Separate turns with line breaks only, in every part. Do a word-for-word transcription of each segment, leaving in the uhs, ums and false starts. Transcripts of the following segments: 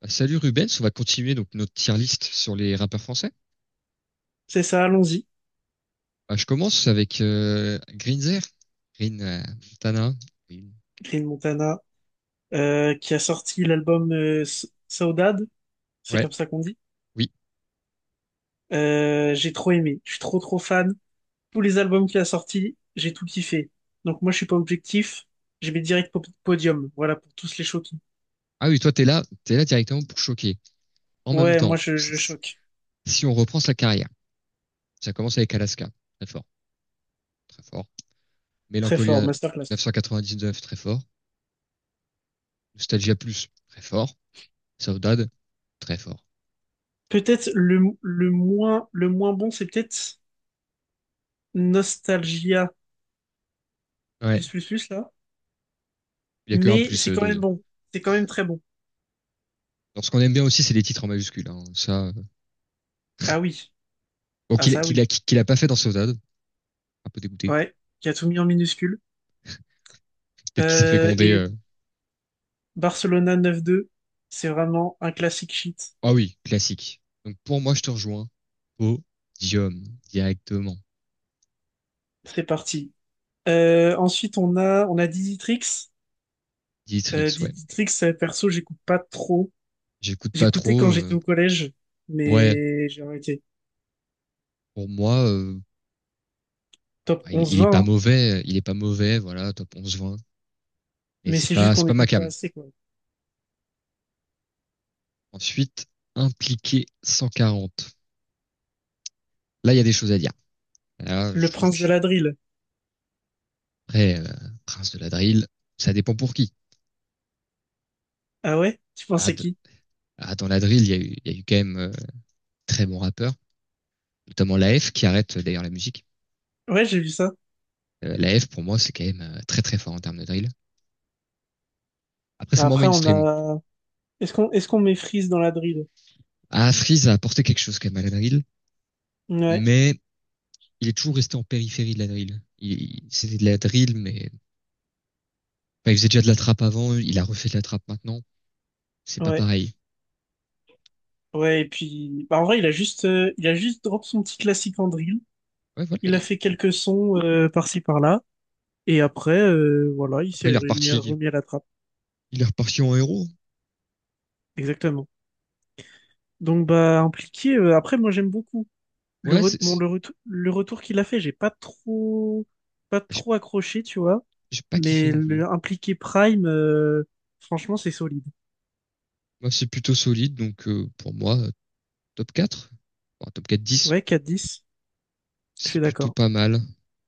Bah, salut Rubens, on va continuer donc notre tier list sur les rappeurs français.
C'est ça, allons-y.
Bah, je commence avec euh, Greenzer, Green euh, Montana. Green.
Green Montana, euh, qui a sorti l'album euh, S- Saudade, c'est
Ouais,
comme ça qu'on dit.
oui.
Euh, j'ai trop aimé, je suis trop trop fan. Tous les albums qu'il a sortis, j'ai tout kiffé. Donc moi, je suis pas objectif, je mets direct po- podium, voilà, pour tous les choquer.
Ah oui, toi t'es là, t'es là directement pour choquer. En même
Ouais, moi,
temps,
je, je
s-
choque.
si on reprend sa carrière, ça commence avec Alaska, très fort, très fort.
Très fort,
Mélancolia
masterclass.
neuf cent quatre-vingt-dix-neuf, très fort. Nostalgia Plus, très fort. Saudade, très fort.
Peut-être le, le moins, le moins bon, c'est peut-être Nostalgia
Ouais,
plus plus plus, là.
il y a que un
Mais
plus
c'est
euh,
quand même
dose.
bon, c'est quand même très bon.
Alors ce qu'on aime bien aussi, c'est les titres en majuscule, hein. Ça, euh,
Ah oui,
bon,
ah
qu'il
ça
qu'il
oui.
a, qu'il a pas fait dans Saudade, un peu dégoûté.
Ouais, qui a tout mis en minuscule.
Peut-être qu'il s'est fait
Euh,
gronder.
et
euh.
Barcelona neuf à deux, c'est vraiment un classique shit.
Ah oui, classique. Donc pour moi, je te rejoins. Podium, directement.
C'est parti. Euh, ensuite, on a, on a Diditrix. Euh,
Dietrich, ouais.
Diditrix, euh, perso, j'écoute pas trop.
J'écoute pas
J'écoutais
trop.
quand j'étais
euh.
au collège,
Ouais,
mais j'ai arrêté.
pour moi, euh,
Top
il, il est
onze vingt,
pas
hein.
mauvais. Il est pas mauvais, voilà, top onze vingt. Mais
Mais
c'est
c'est juste
pas,
qu'on
c'est pas ma
n'écoute pas
came.
assez, quoi.
Ensuite, impliqué cent quarante. Là, il y a des choses à dire. Là, je
Le
trouve
prince
que,
de la drill.
après, euh, Prince de la Drill, ça dépend pour qui.
Ah ouais? Tu
Ah,
pensais
de-
qui?
ah, dans la drill, il y a eu, il y a eu quand même euh, très bons rappeurs, notamment la F qui arrête euh, d'ailleurs la musique.
Ouais, j'ai vu ça.
Euh, La F, pour moi, c'est quand même euh, très très fort en termes de drill. Après, c'est
Bah,
moins
après, on
mainstream.
a... Est-ce qu'on est-ce qu'on met Freeze dans la drill?
Ah, Freeze a apporté quelque chose quand même à la drill,
Ouais,
mais il est toujours resté en périphérie de la drill. Il, il- c'était de la drill, mais bah, il faisait déjà de la trappe avant, il a refait de la trappe maintenant. C'est pas
ouais.
pareil.
Ouais, et puis... Bah, en vrai, il a juste, euh, il a juste drop son petit classique en drill.
Ouais, voilà.
Il a
Il-
fait quelques sons euh, par-ci par-là, et après, euh, voilà, il
après,
s'est
il est
remis,
reparti,
remis à la trappe.
il est reparti en héros.
Exactement. Donc bah impliqué. Euh, après, moi j'aime beaucoup le
Ouais,
re-
c'est,
bon,
c'est-
le, retou- le retour qu'il a fait. J'ai pas trop pas
j'ai
trop accroché, tu vois.
j'ai pas kiffé
Mais
non plus.
le impliqué Prime, euh, franchement, c'est solide.
Moi, c'est plutôt solide, donc euh, pour moi, euh, top quatre, enfin, top quatre dix,
Ouais, quatre dix. Je
c'est
suis
plutôt
d'accord.
pas mal.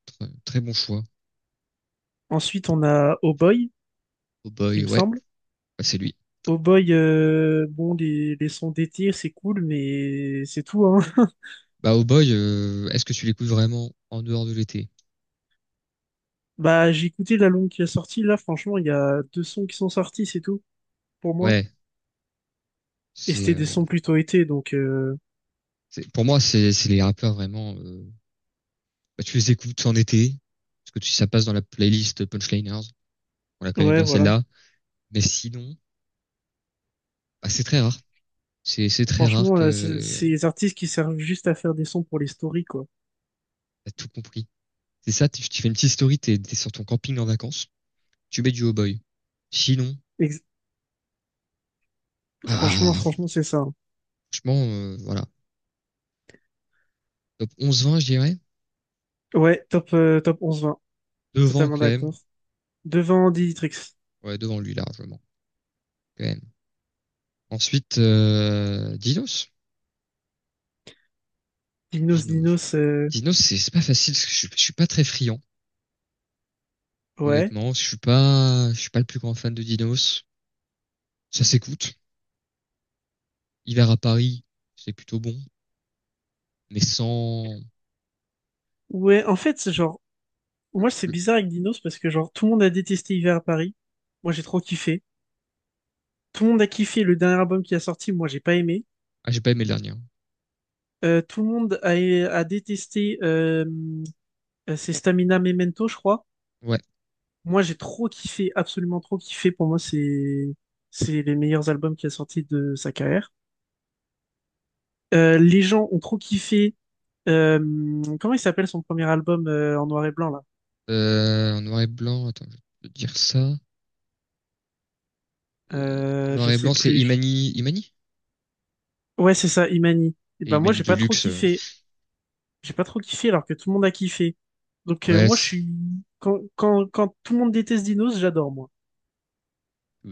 Très, très bon choix.
Ensuite, on a Oh Boy,
Oh
il
boy,
me
ouais,
semble.
bah, c'est lui.
Oh Boy, euh, bon, les, les sons d'été, c'est cool, mais c'est tout, hein.
Bah, Oh Boy, euh, est-ce que tu l'écoutes vraiment en dehors de l'été?
Bah, j'ai écouté l'album qui est sorti, là, franchement, il y a deux sons qui sont sortis, c'est tout, pour moi.
Ouais,
Et
c'est,
c'était des
euh,
sons plutôt été, donc, euh,
c'est- pour moi, c'est, c'est les rappeurs vraiment. Euh, bah, tu les écoutes en été, parce que tu, ça passe dans la playlist Punchliners. On la connaît
ouais,
bien
voilà.
celle-là. Mais sinon, bah, c'est très rare. C'est, c'est très rare
Franchement, euh, c'est
que
c'est les artistes qui servent juste à faire des sons pour les stories, quoi.
t'as tout compris. C'est ça, tu, tu fais une petite story, t'es, t'es sur ton camping en vacances, tu mets du Oh Boy. Sinon,
Ex- franchement,
ah,
franchement, c'est ça, hein.
franchement, euh, voilà. Top onze vingt, je dirais.
Ouais, top, euh, top onze à vingt,
Devant,
totalement
quand même.
d'accord. Devant Dinitrix.
Ouais, devant lui, largement, quand même. Ensuite, euh, Dinos.
Dinos,
Dinos.
Dinos, euh,
Dinos, c'est c'est pas facile parce que je, suis je suis pas très friand,
ouais.
honnêtement. Je suis pas, je suis pas le plus grand fan de Dinos. Ça s'écoute. Hiver à Paris, c'est plutôt bon, mais sans.
Ouais, en fait, c'est genre, moi, c'est
le-
bizarre avec Dinos, parce que, genre, tout le monde a détesté Hiver à Paris. Moi, j'ai trop kiffé. Tout le monde a kiffé le dernier album qui a sorti, moi, j'ai pas aimé.
Ah, j'ai pas aimé le dernier, hein.
Euh, tout le monde a, a détesté euh, ses Stamina Memento, je crois.
Ouais.
Moi, j'ai trop kiffé, absolument trop kiffé. Pour moi, c'est c'est les meilleurs albums qu'il a sortis de sa carrière. Euh, les gens ont trop kiffé. euh, Comment il s'appelle son premier album euh, en noir et blanc là?
Euh, en noir et blanc, attends, je vais te dire ça. En
Euh,
noir
je
et
sais
blanc, c'est
plus.
Imani, Imani?
Ouais, c'est ça, Imani. Et
Et
ben moi,
Imani
j'ai
de
pas trop
luxe. euh,
kiffé. J'ai pas trop kiffé alors que tout le monde a kiffé. Donc euh,
Ouais,
moi, je
c'est-
suis quand quand quand tout le monde déteste Dinos, j'adore moi.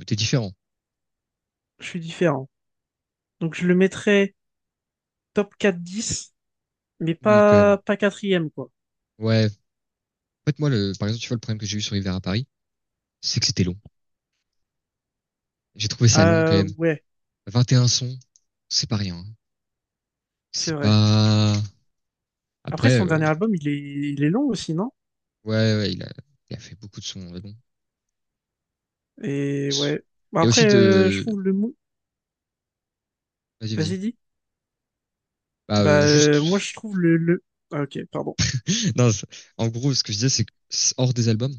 t'es différent.
Je suis différent. Donc je le mettrais top quatre dix, mais
Oui, quand même.
pas, pas quatrième, quoi.
Ouais. En fait, moi, le, par exemple, tu vois, le problème que j'ai eu sur Hiver à Paris, c'est que c'était long. J'ai trouvé ça long quand
Euh,
même.
ouais,
vingt et un sons, c'est pas rien, hein.
c'est
C'est
vrai.
pas.
Après,
Après,
son
euh,
dernier album, il est, il est long aussi, non?
ouais, ouais, il a, il a fait beaucoup de sons, mais bon.
Et ouais. Bah,
Et aussi
après, euh, je
de.
trouve le mou.
Vas-y, vas-y.
Vas-y, dis.
Bah,
Bah,
euh,
euh, moi, je
juste.
trouve le, le. Ah, ok, pardon.
Non, c'est- en gros, ce que je disais, c'est que c'est hors des albums,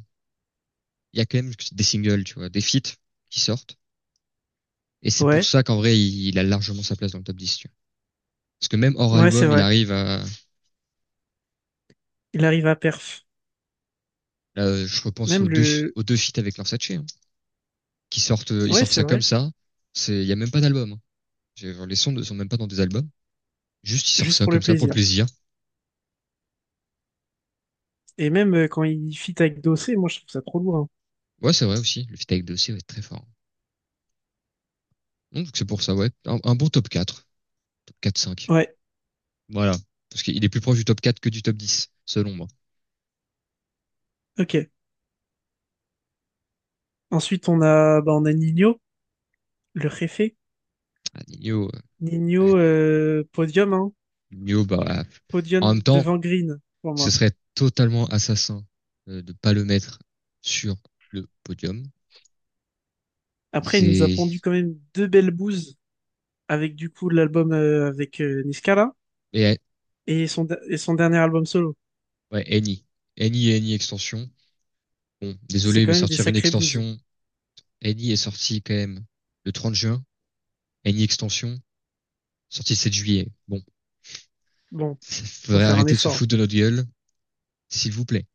il y a quand même des singles, tu vois, des feats qui sortent. Et c'est pour
Ouais,
ça qu'en vrai, il, il a largement sa place dans le top dix, tu vois. Parce que même hors
ouais, c'est
album, il
vrai.
arrive à.
Il arrive à perf.
Là, euh, je repense aux
Même
deux,
le.
aux deux feats avec Lorsace, hein, qui sortent, euh, ils
Ouais,
sortent
c'est
ça comme
vrai.
ça. C'est, il y a même pas d'album, hein. J'ai- Les sons ne sont même pas dans des albums. Juste, ils sortent
Juste
ça
pour le
comme ça pour le
plaisir.
plaisir.
Et même euh, quand il fit avec Dossé, moi, je trouve ça trop lourd,
Ouais, c'est vrai aussi. Le feat avec Dossé va être très fort. Donc, c'est pour ça, ouais. Un, un bon top quatre. Top quatre cinq.
hein. Ouais,
Voilà. Parce qu'il est plus proche du top quatre que du top dix selon moi.
ok. Ensuite, on a, bah, on a Nino, le réfé.
Ah, Nino, euh, ah,
Nino,
Nino.
euh, podium, hein.
Bah, ah, en même
Podium
temps,
devant Green pour
ce
moi.
serait totalement assassin euh, de pas le mettre sur le podium.
Après, il nous a pondu
C'est,
quand même deux belles bouses avec du coup l'album euh, avec euh, Niskala
et,
et son, de- et son dernier album solo.
ouais, Eni. Eni et Eni extension. Bon,
C'est
désolé,
quand
mais
même des
sortir une
sacrées bouses.
extension, Eni est sorti quand même le trente juin. Eni extension, sorti le sept juillet. Bon.
Bon, faut
Faudrait
faire un
arrêter de se
effort.
foutre de notre gueule. S'il vous plaît.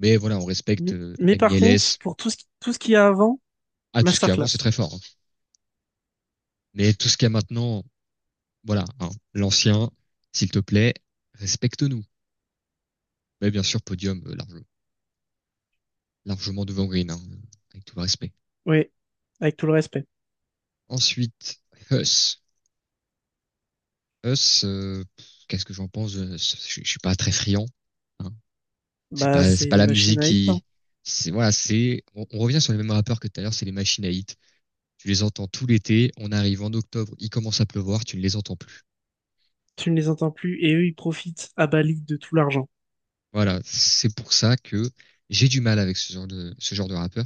Mais voilà, on respecte
M-
euh,
Mais par contre,
MILS.
pour tout ce, qui- tout ce qu'il y a avant,
Ah, tout ce qui est avant,
masterclass.
c'est très fort, hein. Mais tout ce qu'il y a maintenant, voilà, hein, l'ancien, s'il te plaît, respecte-nous. Mais bien sûr, podium euh, large- largement devant Green, hein, avec tout le respect.
Oui, avec tout le respect.
Ensuite, Huss. Huss, euh, qu'est-ce que j'en pense? Je, je suis pas très friand, hein. C'est
Bah,
pas,
c'est
c'est pas
une
la
machine
musique
à hit, hein.
qui, c'est voilà, c'est. On, on revient sur les mêmes rappeurs que tout à l'heure, c'est les machines à hit. Tu les entends tout l'été. On arrive en octobre, il commence à pleuvoir, tu ne les entends plus.
Tu ne les entends plus et eux, ils profitent à Bali de tout l'argent.
Voilà, c'est pour ça que j'ai du mal avec ce genre de ce genre de rappeur.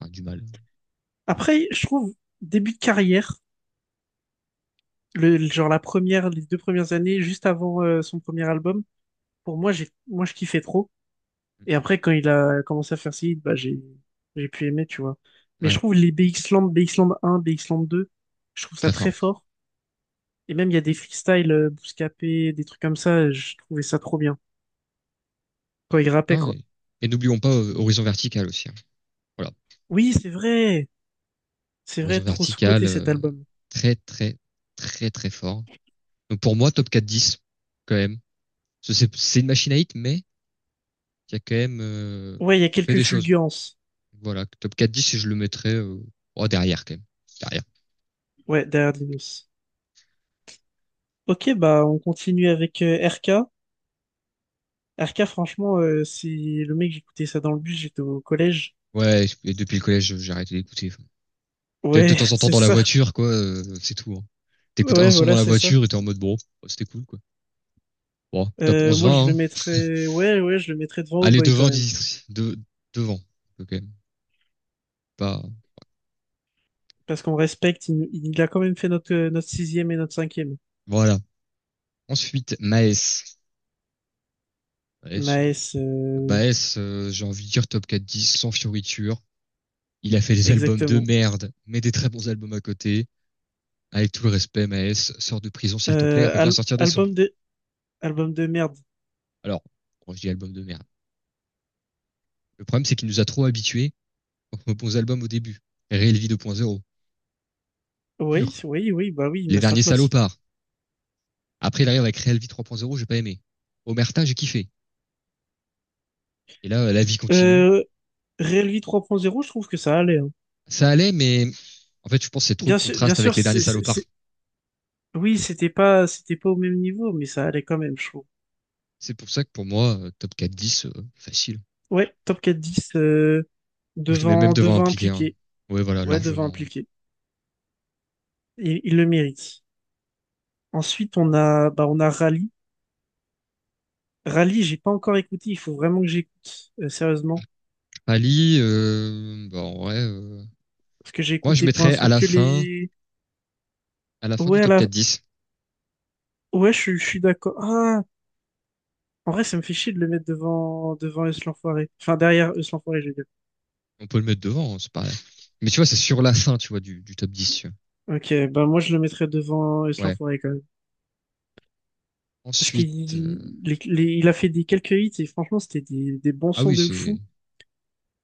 Enfin, du mal.
Après, je trouve, début de carrière, le, le- genre la première, les deux premières années, juste avant euh, son premier album, pour moi, j'ai, moi, je kiffais trop. Et après, quand il a commencé à faire ses hits, bah, j'ai, j'ai pu aimer, tu vois. Mais
Ouais,
je trouve les B X Land, B X X un, B X BXland deux, je trouve ça
très
très
fort.
fort. Et même, il y a des freestyles, euh, Bouscapé, des trucs comme ça, je trouvais ça trop bien. Quand il rappait,
Non,
quoi.
et et n'oublions pas euh, Horizon Vertical aussi, hein. Voilà,
Oui, c'est vrai! C'est vrai,
Horizon
trop
Vertical,
sous-coté cet
euh,
album.
très très très très fort. Donc pour moi, top quatre dix, quand même. Ce- C'est c'est une machine à hit, mais qui a quand même euh,
Ouais, il y a
fait
quelques
des choses.
fulgurances.
Voilà, top quatre dix, je le mettrais euh, oh, derrière quand même. Derrière.
Ouais, derrière Dinos. Ok, bah, on continue avec euh, R K. R K, franchement, euh, c'est le mec, j'écoutais ça dans le bus, j'étais au collège.
Ouais, et depuis le collège, j'ai arrêté d'écouter. Peut-être de
Ouais,
temps en temps
c'est
dans la
ça.
voiture, quoi, euh, c'est tout, hein. T'écoutes un
Ouais,
son dans
voilà,
la
c'est ça.
voiture et t'es en mode bon, oh, c'était cool, quoi. Bon, top
Euh,
onze
moi,
vingt.
je le
hein.
mettrais, ouais, ouais, je le mettrais devant
Allez,
O'Boy quand
devant,
même.
dix, de, devant. Ok, pas,
Parce qu'on respecte, il, il a quand même fait notre, euh, notre sixième et notre cinquième.
voilà. Ensuite, Maes. Maes,
Maes,
euh,
euh,
Maes, euh, j'ai envie de dire top quatre dix, sans fioriture. Il a fait des albums de
exactement.
merde, mais des très bons albums à côté. Avec tout le respect, Maes, sors de prison s'il te plaît,
Euh,
reviens
al-
sortir des sons.
album de, album de merde.
Alors, quand je dis album de merde, le problème c'est qu'il nous a trop habitués aux bons albums au début. Real Vie deux point zéro,
Oui,
pur.
oui, oui, bah oui,
Les derniers
masterclass.
salopards. Après, il arrive avec Real Vie trois point zéro, j'ai pas aimé. Omerta, j'ai kiffé. Et là, la vie continue.
Euh, Relvi trois Vie zéro, je trouve que ça allait, hein.
Ça allait, mais en fait, je pense que c'est trop le
Bien sûr, bien
contraste avec
sûr,
les derniers
c'est, c'est,
salopards.
c'est- oui, c'était pas, c'était pas au même niveau, mais ça allait quand même, je trouve.
C'est pour ça que pour moi, euh, top quatre dix, euh, facile.
Ouais, top quatre dix euh,
Oh, je les mets même
devant,
devant
devant
impliqué, hein.
impliqué.
Ouais, voilà,
Ouais, devant
largement.
impliqué. Il, il le mérite. Ensuite, on a, bah, on a Rally. Rally, j'ai pas encore écouté. Il faut vraiment que j'écoute, euh, sérieusement.
Ali, euh, bah, en vrai, euh,
Parce que j'ai
moi, je
écouté pour
mettrais à
l'instant
la
que
fin,
les.
à la fin du
Ouais, à
top
la...
quatre dix.
ouais, je, suis- je suis d'accord. Ah, en vrai, ça me fait chier de le mettre devant, devant Eus l'Enfoiré. Enfin, derrière Eus l'Enfoiré, je veux dire.
On peut le mettre devant, hein, c'est pareil. Mais tu vois, c'est sur la fin, tu vois, du, du top dix, tu vois.
Ok, bah, moi, je le mettrais devant Eus
Ouais.
l'Enfoiré quand même. Parce
Ensuite,
qu'il
euh,
les- les- il a fait des quelques hits et franchement, c'était des, des bons
ah
sons
oui,
de fou.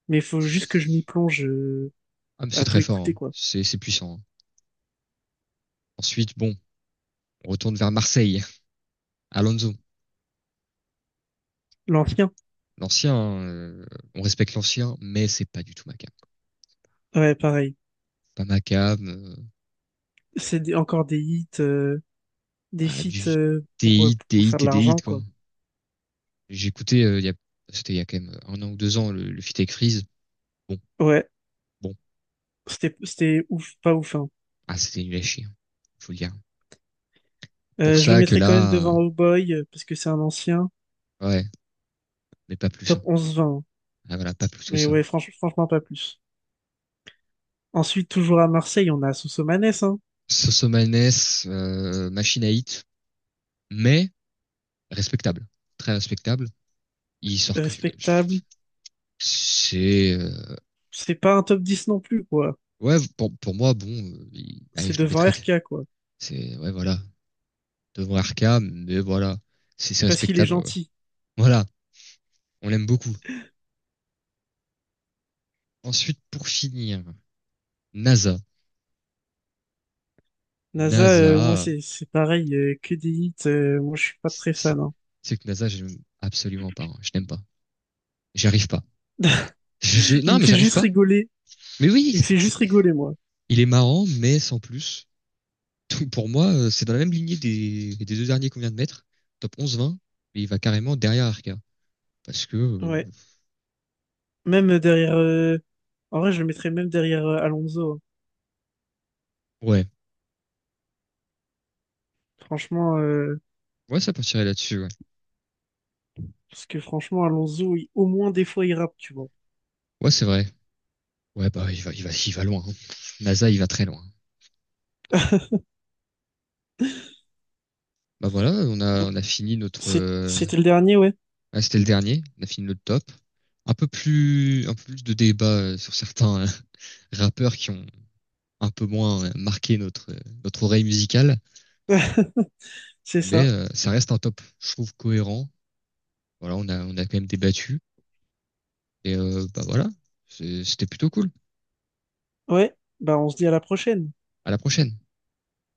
Mais il faut juste que je m'y
c'est,
plonge euh,
ah, mais c'est
à tout
très fort,
écouter,
hein.
quoi.
C'est c'est puissant, hein. Ensuite, bon, on retourne vers Marseille. Alonso,
L'ancien,
l'ancien, euh, on respecte l'ancien, mais c'est pas du tout ma cam.
ouais, pareil.
Pas ma cam, euh,
C'est des- encore des hits. Euh, des
ah,
feats
du
euh, pour, euh,
T I,
pour
T I,
faire de
T D I,
l'argent,
quoi.
quoi.
J'écoutais, euh, il y a- c'était il y a quand même un an ou deux ans, le, le feat avec Freeze. Bon,
Ouais.
bon,
C'était, c'était ouf, pas ouf, hein.
ah, c'était nul à chier, hein. Faut le dire. Pour
Euh, je le
ça que
mettrais quand même
là, euh,
devant Oh Boy, euh, parce que c'est un ancien.
ouais, mais pas plus,
Top
hein.
onze vingt hein.
Ah, voilà, pas plus que
Mais
ça.
ouais, franch- franchement, pas plus. Ensuite, toujours à Marseille, on a Sosomanes, hein.
Sosomanes, euh, machine à hit, mais respectable, très respectable il sort que je,
Respectable.
c'est euh,
C'est pas un top dix non plus, quoi.
ouais pour, pour moi bon, euh, il- allez
C'est
je le
devant
mettrais.
R K, quoi.
C'est ouais voilà devant Arkham, mais voilà c'est c'est
Parce qu'il est
respectable. euh.
gentil.
Voilà, on l'aime beaucoup. Ensuite pour finir, NASA.
NASA, euh, moi,
NASA,
c'est, c'est pareil, euh, que des hits. Euh, moi, je suis pas très
c'est
fan, hein.
c'est que NASA j'aime absolument pas, hein. Je n'aime pas. J'arrive pas. Je
Il
Non
me
mais
fait
j'arrive
juste
pas.
rigoler.
Mais oui,
Il me
c'est-
fait juste
c'est-
rigoler, moi.
il est marrant mais sans plus. Donc, pour moi euh, c'est dans la même lignée des, des deux derniers qu'on vient de mettre, top onze vingt, mais il va carrément derrière Arca parce que euh,
Ouais. Même derrière euh, en vrai, je le mettrais même derrière euh, Alonso, hein.
ouais.
Franchement, euh,
Ouais, ça partirait là-dessus, ouais.
parce que franchement, Alonso, il- au moins des fois, il rappe, tu vois.
Ouais, c'est vrai. Ouais, bah, il va, il va, il va loin, hein. NASA, il va très loin. Bah voilà, on a,
Donc,
on a fini notre.
c'est-
euh,
c'était le dernier, ouais.
Ah, c'était le dernier. On a fini notre top. Un peu plus, un peu plus de débat euh, sur certains euh, rappeurs qui ont un peu moins euh, marqué notre, euh, notre oreille musicale,
C'est
mais
ça.
euh, ça reste un top, je trouve, cohérent. Voilà, on a, on a quand même débattu. Et euh, bah voilà. C'est- c'était plutôt cool.
Ouais, bah on se dit à la prochaine.
À la prochaine.